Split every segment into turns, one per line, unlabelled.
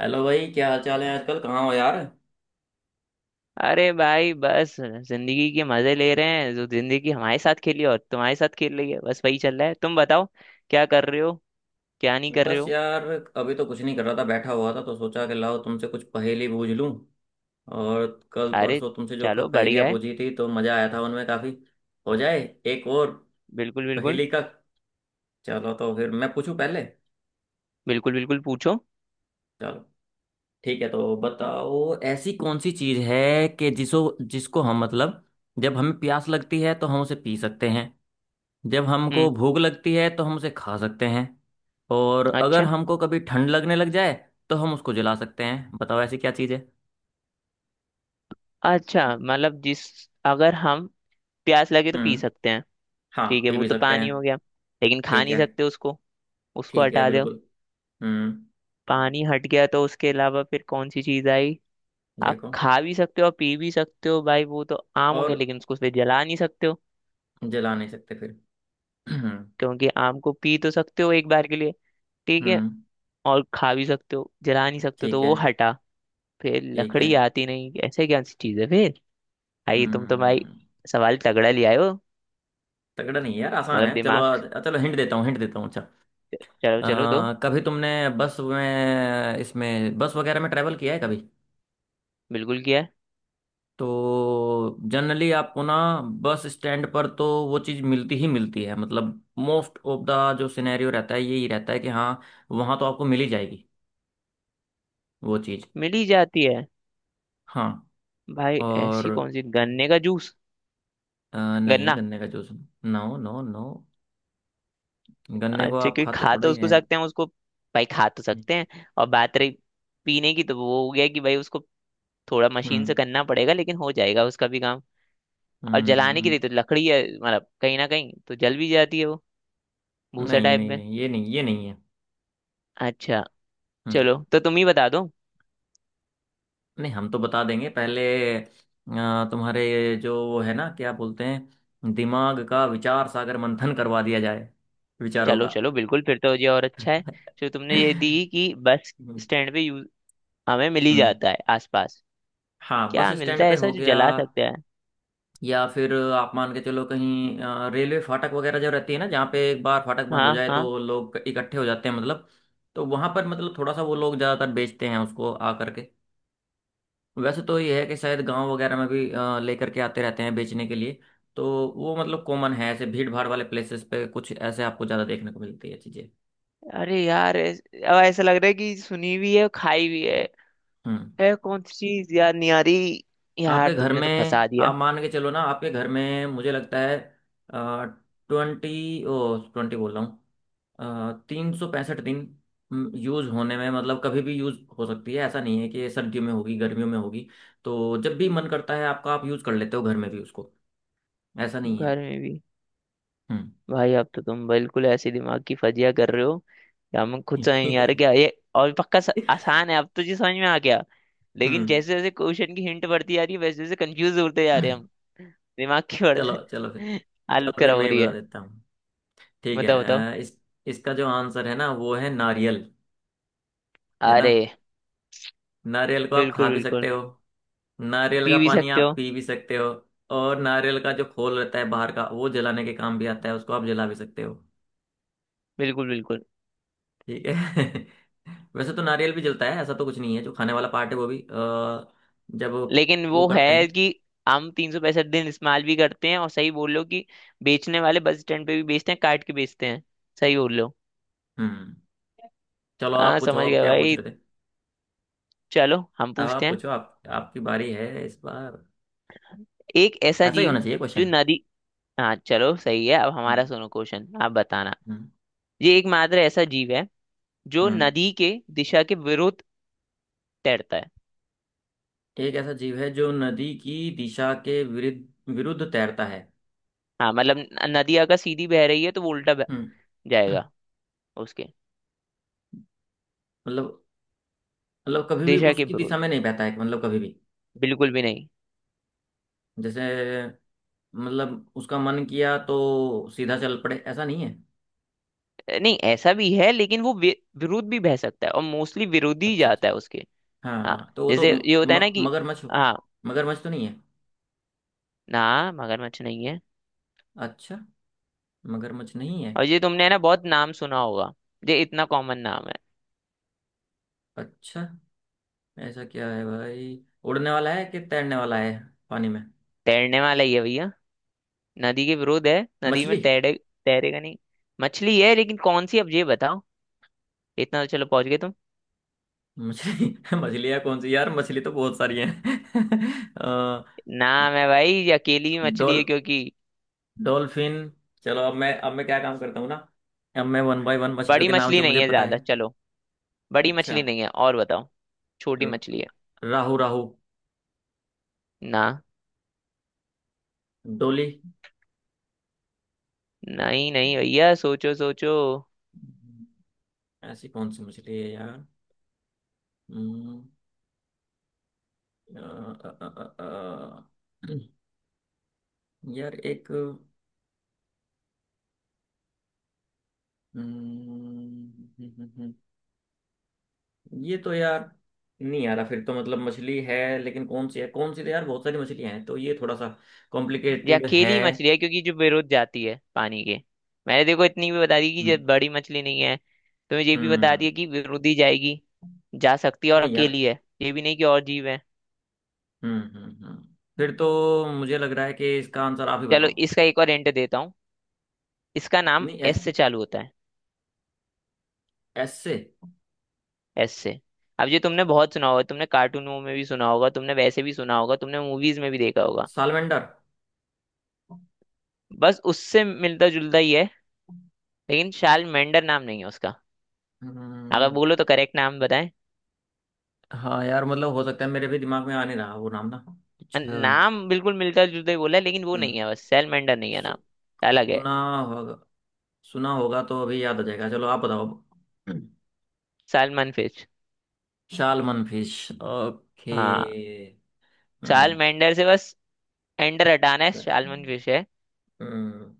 Hello भाई, क्या हाल चाल है आजकल? कहाँ हो यार?
अरे भाई, बस जिंदगी के मजे ले रहे हैं। जो जिंदगी हमारे साथ खेली और तुम्हारे साथ खेल रही है, बस वही चल रहा है। तुम बताओ, क्या कर रहे हो, क्या नहीं कर रहे
बस
हो।
यार, अभी तो कुछ नहीं कर रहा था, बैठा हुआ था, तो सोचा कि लाओ तुमसे कुछ पहेली बूझ लूं। और कल
अरे,
परसों तुमसे जो
चलो
पहेलियाँ
बढ़िया है।
पूछी थी तो मज़ा आया था उनमें काफ़ी। हो जाए एक और
बिल्कुल बिल्कुल।
पहेली का। चलो, तो फिर मैं पूछूं पहले।
बिल्कुल बिल्कुल पूछो।
चलो ठीक है, तो बताओ ऐसी कौन सी चीज़ है कि जिसो जिसको हम मतलब, जब हमें प्यास लगती है तो हम उसे पी सकते हैं। जब हमको
हम्म।
भूख लगती है तो हम उसे खा सकते हैं। और अगर
अच्छा।
हमको कभी ठंड लगने लग जाए तो हम उसको जला सकते हैं। बताओ ऐसी क्या चीज़ है।
अच्छा मतलब जिस, अगर हम प्यास लगे तो पी
हम्म।
सकते हैं।
हाँ,
ठीक है,
पी
वो
भी
तो
सकते हैं।
पानी हो गया, लेकिन खा
ठीक
नहीं
है।
सकते उसको। उसको
ठीक है,
हटा दो।
बिल्कुल। हम्म।
पानी हट गया, तो उसके अलावा फिर कौन सी चीज आई। आप
देखो,
खा भी सकते हो और पी भी सकते हो भाई, वो तो आम हो गया,
और
लेकिन उसको फिर जला नहीं सकते हो।
जला नहीं सकते फिर। हम्म।
क्योंकि आम को पी तो सकते हो एक बार के लिए, ठीक है,
हम्म,
और खा भी सकते हो, जला नहीं सकते हो, तो
ठीक है।
वो हटा। फिर
ठीक है।
लकड़ी आती नहीं, ऐसे क्या सी चीज है फिर। आई तुम तो भाई,
हम्म।
सवाल तगड़ा ले आए हो।
तगड़ा नहीं है यार, आसान
मतलब
है। चलो
दिमाग।
चलो, हिंट देता हूँ हिंट देता हूँ। अच्छा।
चलो चलो दो।
कभी तुमने बस में, इसमें बस वगैरह में ट्रेवल किया है कभी?
बिल्कुल किया है।
तो जनरली आपको ना, बस स्टैंड पर तो वो चीज़ मिलती ही मिलती है, मतलब मोस्ट ऑफ द जो सिनेरियो रहता है यही रहता है कि हाँ, वहाँ तो आपको मिल ही जाएगी वो चीज़।
मिल ही जाती है।
हाँ।
भाई ऐसी
और
कौन सी, गन्ने का जूस।
अ, नहीं,
गन्ना।
गन्ने का जूस। नो नो नो, गन्ने
अच्छा,
को आप
क्योंकि
खाते
खा
थोड़ा
तो
ही
उसको
हैं।
सकते हैं, उसको। भाई खा तो
हम्म।
सकते हैं। और बात रही पीने की, तो वो हो गया कि भाई उसको थोड़ा मशीन से
हम्म।
करना पड़ेगा, लेकिन हो जाएगा उसका भी काम। और
हम्म, हम्म,
जलाने के
हम्म।
लिए तो लकड़ी है, मतलब कहीं ना कहीं तो जल भी जाती है वो, भूसा
नहीं
टाइप
नहीं
में।
नहीं, ये नहीं, ये नहीं है।
अच्छा।
हम्म।
चलो तो तुम ही बता दो।
नहीं, हम तो बता देंगे पहले। अ, तुम्हारे जो वो है ना, क्या बोलते हैं, दिमाग का विचार सागर मंथन करवा दिया जाए, विचारों
चलो
का।
चलो बिल्कुल, फिर तो ये और अच्छा है जो तुमने ये दी कि बस
हम्म।
स्टैंड पे यूज, हमें मिल ही
हम्म।
जाता है आसपास।
हाँ, बस
क्या मिलता
स्टैंड
है
पे
ऐसा
हो
जो
गया।
जला सकते हैं।
या फिर आप मान के चलो कहीं रेलवे फाटक वगैरह जो रहती है ना, जहाँ पे एक बार फाटक बंद हो
हाँ
जाए तो
हाँ।
लोग इकट्ठे हो जाते हैं, मतलब तो वहां पर मतलब थोड़ा सा, वो लोग ज्यादातर बेचते हैं उसको आ करके। वैसे तो ये है कि शायद गांव वगैरह में भी लेकर के आते रहते हैं बेचने के लिए। तो वो मतलब कॉमन है ऐसे भीड़ भाड़ वाले प्लेसेस पे, कुछ ऐसे आपको ज़्यादा देखने को मिलती है चीज़ें।
अरे यार अब ऐसा लग रहा है कि सुनी भी है और खाई भी है।
हम्म।
कौन सी चीज याद नहीं आ रही।
आपके
यार
घर
तुमने
में
तो फंसा दिया।
आप मान के चलो ना, आपके घर में मुझे लगता है, 2020 बोल रहा हूँ, 365 दिन यूज़ होने में, मतलब कभी भी यूज़ हो सकती है, ऐसा नहीं है कि ये सर्दियों में होगी गर्मियों में होगी। तो जब भी मन करता है आपका, आप यूज़ कर लेते हो घर में भी उसको। ऐसा नहीं है।
घर में भी।
हम्म।
भाई अब तो तुम बिल्कुल ऐसे दिमाग की फजिया कर रहे हो। यार मैं खुद समझ नहीं आ रहा क्या ये। और पक्का आसान है, अब तो जी समझ में आ गया। लेकिन
हम्म।
जैसे जैसे क्वेश्चन की हिंट बढ़ती जा रही है, वैसे वैसे कंफ्यूज होते जा रहे हैं हम। दिमाग की
चलो
बढ़ते
चलो फिर।
हालत
चलो, फिर
खराब हो
मैं ही
रही
बता
है।
देता हूँ। ठीक है।
बताओ बताओ।
इस इसका जो आंसर है ना, वो है नारियल। है ना?
अरे
नारियल को आप खा
बिल्कुल
भी
बिल्कुल।
सकते हो। नारियल का
पी भी
पानी
सकते
आप
हो।
पी भी सकते हो। और नारियल का जो खोल रहता है बाहर का, वो जलाने के काम भी आता है, उसको आप जला भी सकते हो।
बिल्कुल बिल्कुल।
ठीक है। वैसे तो नारियल भी जलता है, ऐसा तो कुछ नहीं है, जो खाने वाला पार्ट है वो भी जब
लेकिन
वो
वो
करते
है
हैं।
कि हम 365 दिन इस्तेमाल भी करते हैं, और सही बोल लो कि बेचने वाले बस स्टैंड पे भी बेचते हैं, काट के बेचते हैं। सही बोल लो।
हम्म। चलो आप
हाँ
पूछो,
समझ
अब
गया
क्या पूछ
भाई।
रहे थे?
चलो हम
अब
पूछते
आप
हैं।
पूछो, आप आपकी बारी है इस बार।
एक ऐसा
ऐसा ही
जीव
होना चाहिए
जो
क्वेश्चन।
नदी। हाँ चलो सही है, अब हमारा सुनो क्वेश्चन, आप बताना।
हम्म।
ये एकमात्र ऐसा जीव है जो
हम्म।
नदी के दिशा के विरुद्ध तैरता है।
एक ऐसा जीव है जो नदी की दिशा के विरुद्ध विरुद्ध तैरता है?
हाँ मतलब नदी अगर सीधी बह रही है तो वो उल्टा बह
हम्म।
जाएगा। उसके
मतलब, कभी भी
दिशा के
उसकी
विरुद्ध,
दिशा में नहीं बहता है, मतलब कभी भी?
बिल्कुल भी नहीं।
जैसे, मतलब उसका मन किया तो सीधा चल पड़े, ऐसा नहीं है?
नहीं, ऐसा भी है लेकिन वो विरुद्ध भी बह सकता है, और मोस्टली विरोधी ही
अच्छा अच्छा।
जाता है उसके।
हाँ
हाँ,
हाँ, तो वो तो
जैसे
म,
ये होता है ना
म,
कि
मगरमच्छ?
हाँ।
मगरमच्छ तो नहीं है?
ना, मगरमच्छ नहीं है।
अच्छा। मगरमच्छ नहीं है।
और ये तुमने, है ना, बहुत नाम सुना होगा, ये इतना कॉमन नाम है।
अच्छा। ऐसा क्या है भाई? उड़ने वाला है कि तैरने वाला है पानी में?
तैरने वाला ही है भैया, नदी के विरोध है नदी
मछली?
में तैरे तैरेगा नहीं। मछली है लेकिन कौन सी, अब ये बताओ, इतना तो चलो पहुंच गए तुम।
मछली मछलियाँ कौन सी यार, मछली तो बहुत सारी हैं। अ,
नाम है भाई, ये अकेली ही मछली
डॉल
है क्योंकि।
डॉल्फिन? चलो, अब मैं, क्या काम करता हूँ ना, अब मैं वन बाय वन मछलियों
बड़ी
के नाम
मछली
जो
नहीं
मुझे
है
पता
ज्यादा,
है।
चलो। बड़ी
अच्छा।
मछली नहीं है, और बताओ। छोटी
र-
मछली है।
राहु राहु?
ना।
डोली?
नहीं नहीं भैया, सोचो सोचो।
हम्म, ऐसी कौन सी मछली है यार? हम्म, अ, अ, अ, अ, अ, यार एक, हम्म, ये तो यार, नहीं आ रहा। फिर तो मतलब मछली है, लेकिन कौन सी है, कौन सी, तो यार बहुत सारी मछलियां हैं, तो ये थोड़ा सा
ये
कॉम्प्लिकेटेड है।
अकेली मछली है क्योंकि जो विरोध जाती है पानी के। मैंने देखो इतनी भी बता दी कि ये
हम्म।
बड़ी मछली नहीं है, तुम्हें ये भी बता
हम्म।
दिया कि विरोधी जाएगी, जा सकती है, और
नहीं यार।
अकेली है, ये भी नहीं कि और जीव है।
हम्म। फिर तो मुझे लग रहा है कि इसका आंसर आप ही
चलो
बताओ।
इसका एक और हिंट देता हूँ, इसका नाम
नहीं, एस?
एस से चालू होता है।
एस से?
एस से। अब ये तुमने बहुत सुना होगा, तुमने कार्टूनों में भी सुना होगा, तुमने वैसे भी सुना होगा, तुमने मूवीज में भी देखा होगा।
सालमेंडर?
बस उससे मिलता जुलता ही है, लेकिन शाल मेंडर नाम नहीं है उसका, अगर
हम्म।
बोलो तो करेक्ट नाम बताएं।
हाँ यार, मतलब हो सकता है, मेरे भी दिमाग में आ नहीं रहा वो नाम ना। अच्छा।
नाम बिल्कुल मिलता जुलता ही बोला है लेकिन वो
हम्म।
नहीं है, बस शाल मेंडर नहीं है
सु,
नाम, अलग है।
सुना होगा। सुना होगा तो अभी याद आ जाएगा। चलो, आप बताओ अब।
Salmon fish.
Salmon fish? Okay.
हाँ। शाल
हम्म।
मेंडर से बस एंडर हटाना है, सालमन फिश है।
हम्म,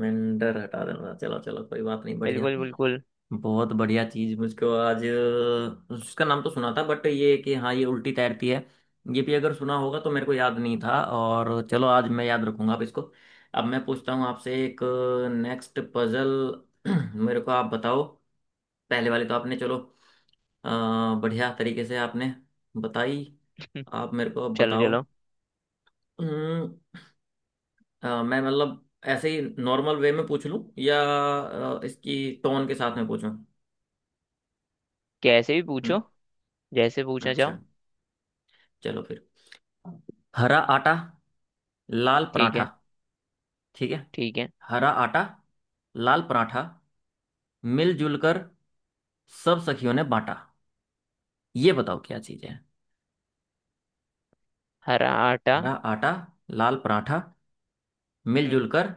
मेंढर हटा देना, चलो चलो कोई बात नहीं, बढ़िया।
बिल्कुल बिल्कुल।
बहुत बढ़िया चीज मुझको आज, उसका नाम तो सुना था, बट ये कि हाँ ये उल्टी तैरती है, ये भी अगर सुना होगा तो मेरे को याद नहीं था, और चलो आज मैं याद रखूंगा अब इसको। अब मैं पूछता हूँ आपसे एक नेक्स्ट पजल। मेरे को आप बताओ। पहले वाले तो आपने, चलो, अ, बढ़िया तरीके से आपने बताई। आप मेरे को अब
चलो
बताओ।
चलो।
अम्म, मैं मतलब, ऐसे ही नॉर्मल वे में पूछ लूं, या इसकी टोन के साथ में पूछूं?
कैसे भी
हम्म।
पूछो, जैसे पूछना
अच्छा।
चाहो।
चलो फिर। हरा आटा, लाल
ठीक
पराठा।
है।
ठीक है।
ठीक है।
हरा आटा, लाल पराठा, मिलजुल कर सब सखियों ने बांटा। ये बताओ क्या चीज है।
हरा आटा।
हरा आटा, लाल पराठा,
हम्म।
मिलजुल कर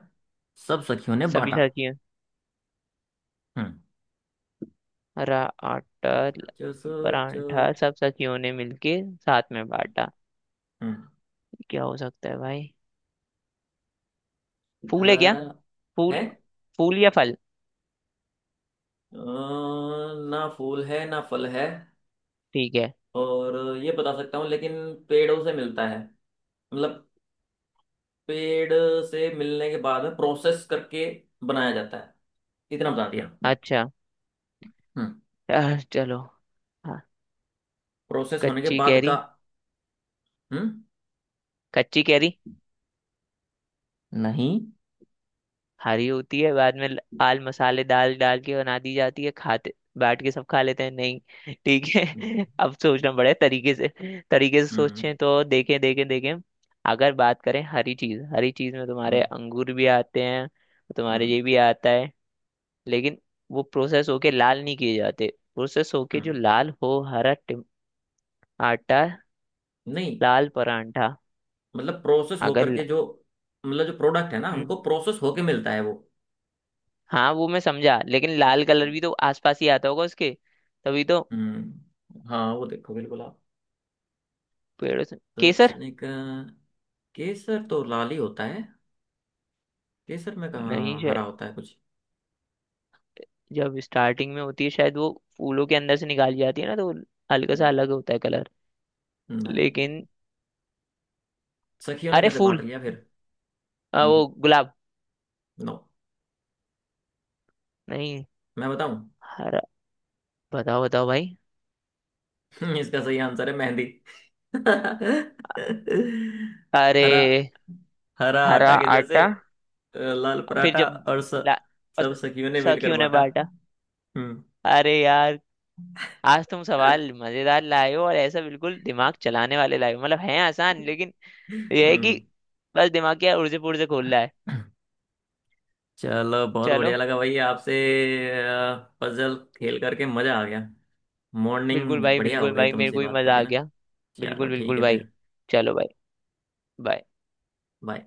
सब सखियों ने
सभी
बांटा।
सखियों,
हम्म,
हरा आटा
सोचो सोचो सोचो।
परांठा सब सखियों ने मिलके साथ में बांटा,
हम्म।
क्या हो सकता है भाई। फूल है क्या।
हरा है।
फूल। फूल या फल।
अ, ना फूल है ना फल है।
ठीक है।
और ये बता सकता हूँ, लेकिन पेड़ों से मिलता है, मतलब पेड़ से मिलने के बाद में प्रोसेस करके बनाया जाता है, इतना बता दिया।
अच्छा।
हम्म।
चलो। हाँ।
प्रोसेस होने के
कच्ची
बाद
कैरी।
का। हम्म।
कच्ची कैरी,
नहीं।
हरी होती है बाद में, आल मसाले दाल डाल के बना दी जाती है, खाते बैठ के सब खा लेते हैं। नहीं ठीक है। अब सोचना पड़ेगा तरीके से, तरीके से
हम्म
सोचें, तो देखें देखें देखें। अगर बात करें हरी चीज, हरी चीज में तुम्हारे
हम्म
अंगूर भी आते हैं, तुम्हारे
हम्म
ये भी आता है, लेकिन वो प्रोसेस होके लाल नहीं किए जाते। प्रोसेस होके जो
हम्म।
लाल हो, हरा आटा,
नहीं।
लाल परांठा।
मतलब प्रोसेस होकर
अगर।
के जो, मतलब जो प्रोडक्ट है ना,
हम्म,
हमको प्रोसेस होके मिलता है वो।
हाँ वो मैं समझा, लेकिन लाल कलर भी तो आसपास ही आता होगा उसके, तभी तो।
हम्म, हाँ वो देखो, बिल्कुल आप
पेड़ों से केसर।
सोचने का। केसर तो लाल ही होता है। केसर में
नहीं
कहाँ हरा
शायद
होता है कुछ?
जब स्टार्टिंग में होती है, शायद वो फूलों के अंदर से निकाली जाती है ना, तो वो हल्का
हम्म।
सा अलग होता है कलर।
नहीं।
लेकिन।
नहीं, सखियों ने
अरे
कैसे बांट
फूल।
लिया फिर? हम्म।
वो गुलाब।
नो।
नहीं।
मैं बताऊं?
हरा। बताओ बताओ भाई।
इसका सही आंसर है मेहंदी।
अरे।
हरा, हरा
हरा
आटा के जैसे,
आटा।
लाल
और फिर
पराठा,
जब
और
ला-
सब
अस-
सखियों ने मिलकर
सखियों ने
बांटा।
बांटा।
हम्म।
अरे यार, आज तुम सवाल मजेदार लाए हो और ऐसा बिल्कुल दिमाग चलाने वाले लाए हो, मतलब हैं आसान लेकिन ये है कि
हम्म।
बस दिमाग क्या उड़जे पुड़जे खोल रहा है।
चलो, बहुत
चलो।
बढ़िया लगा भाई आपसे पजल खेल करके, मजा आ गया।
बिल्कुल
मॉर्निंग
भाई
बढ़िया हो
बिल्कुल
गई
भाई, मेरे
तुमसे
को भी
बात
मजा
करके
आ
ना।
गया।
चलो
बिल्कुल
ठीक
बिल्कुल
है
भाई।
फिर।
चलो भाई। बाय।
बाय।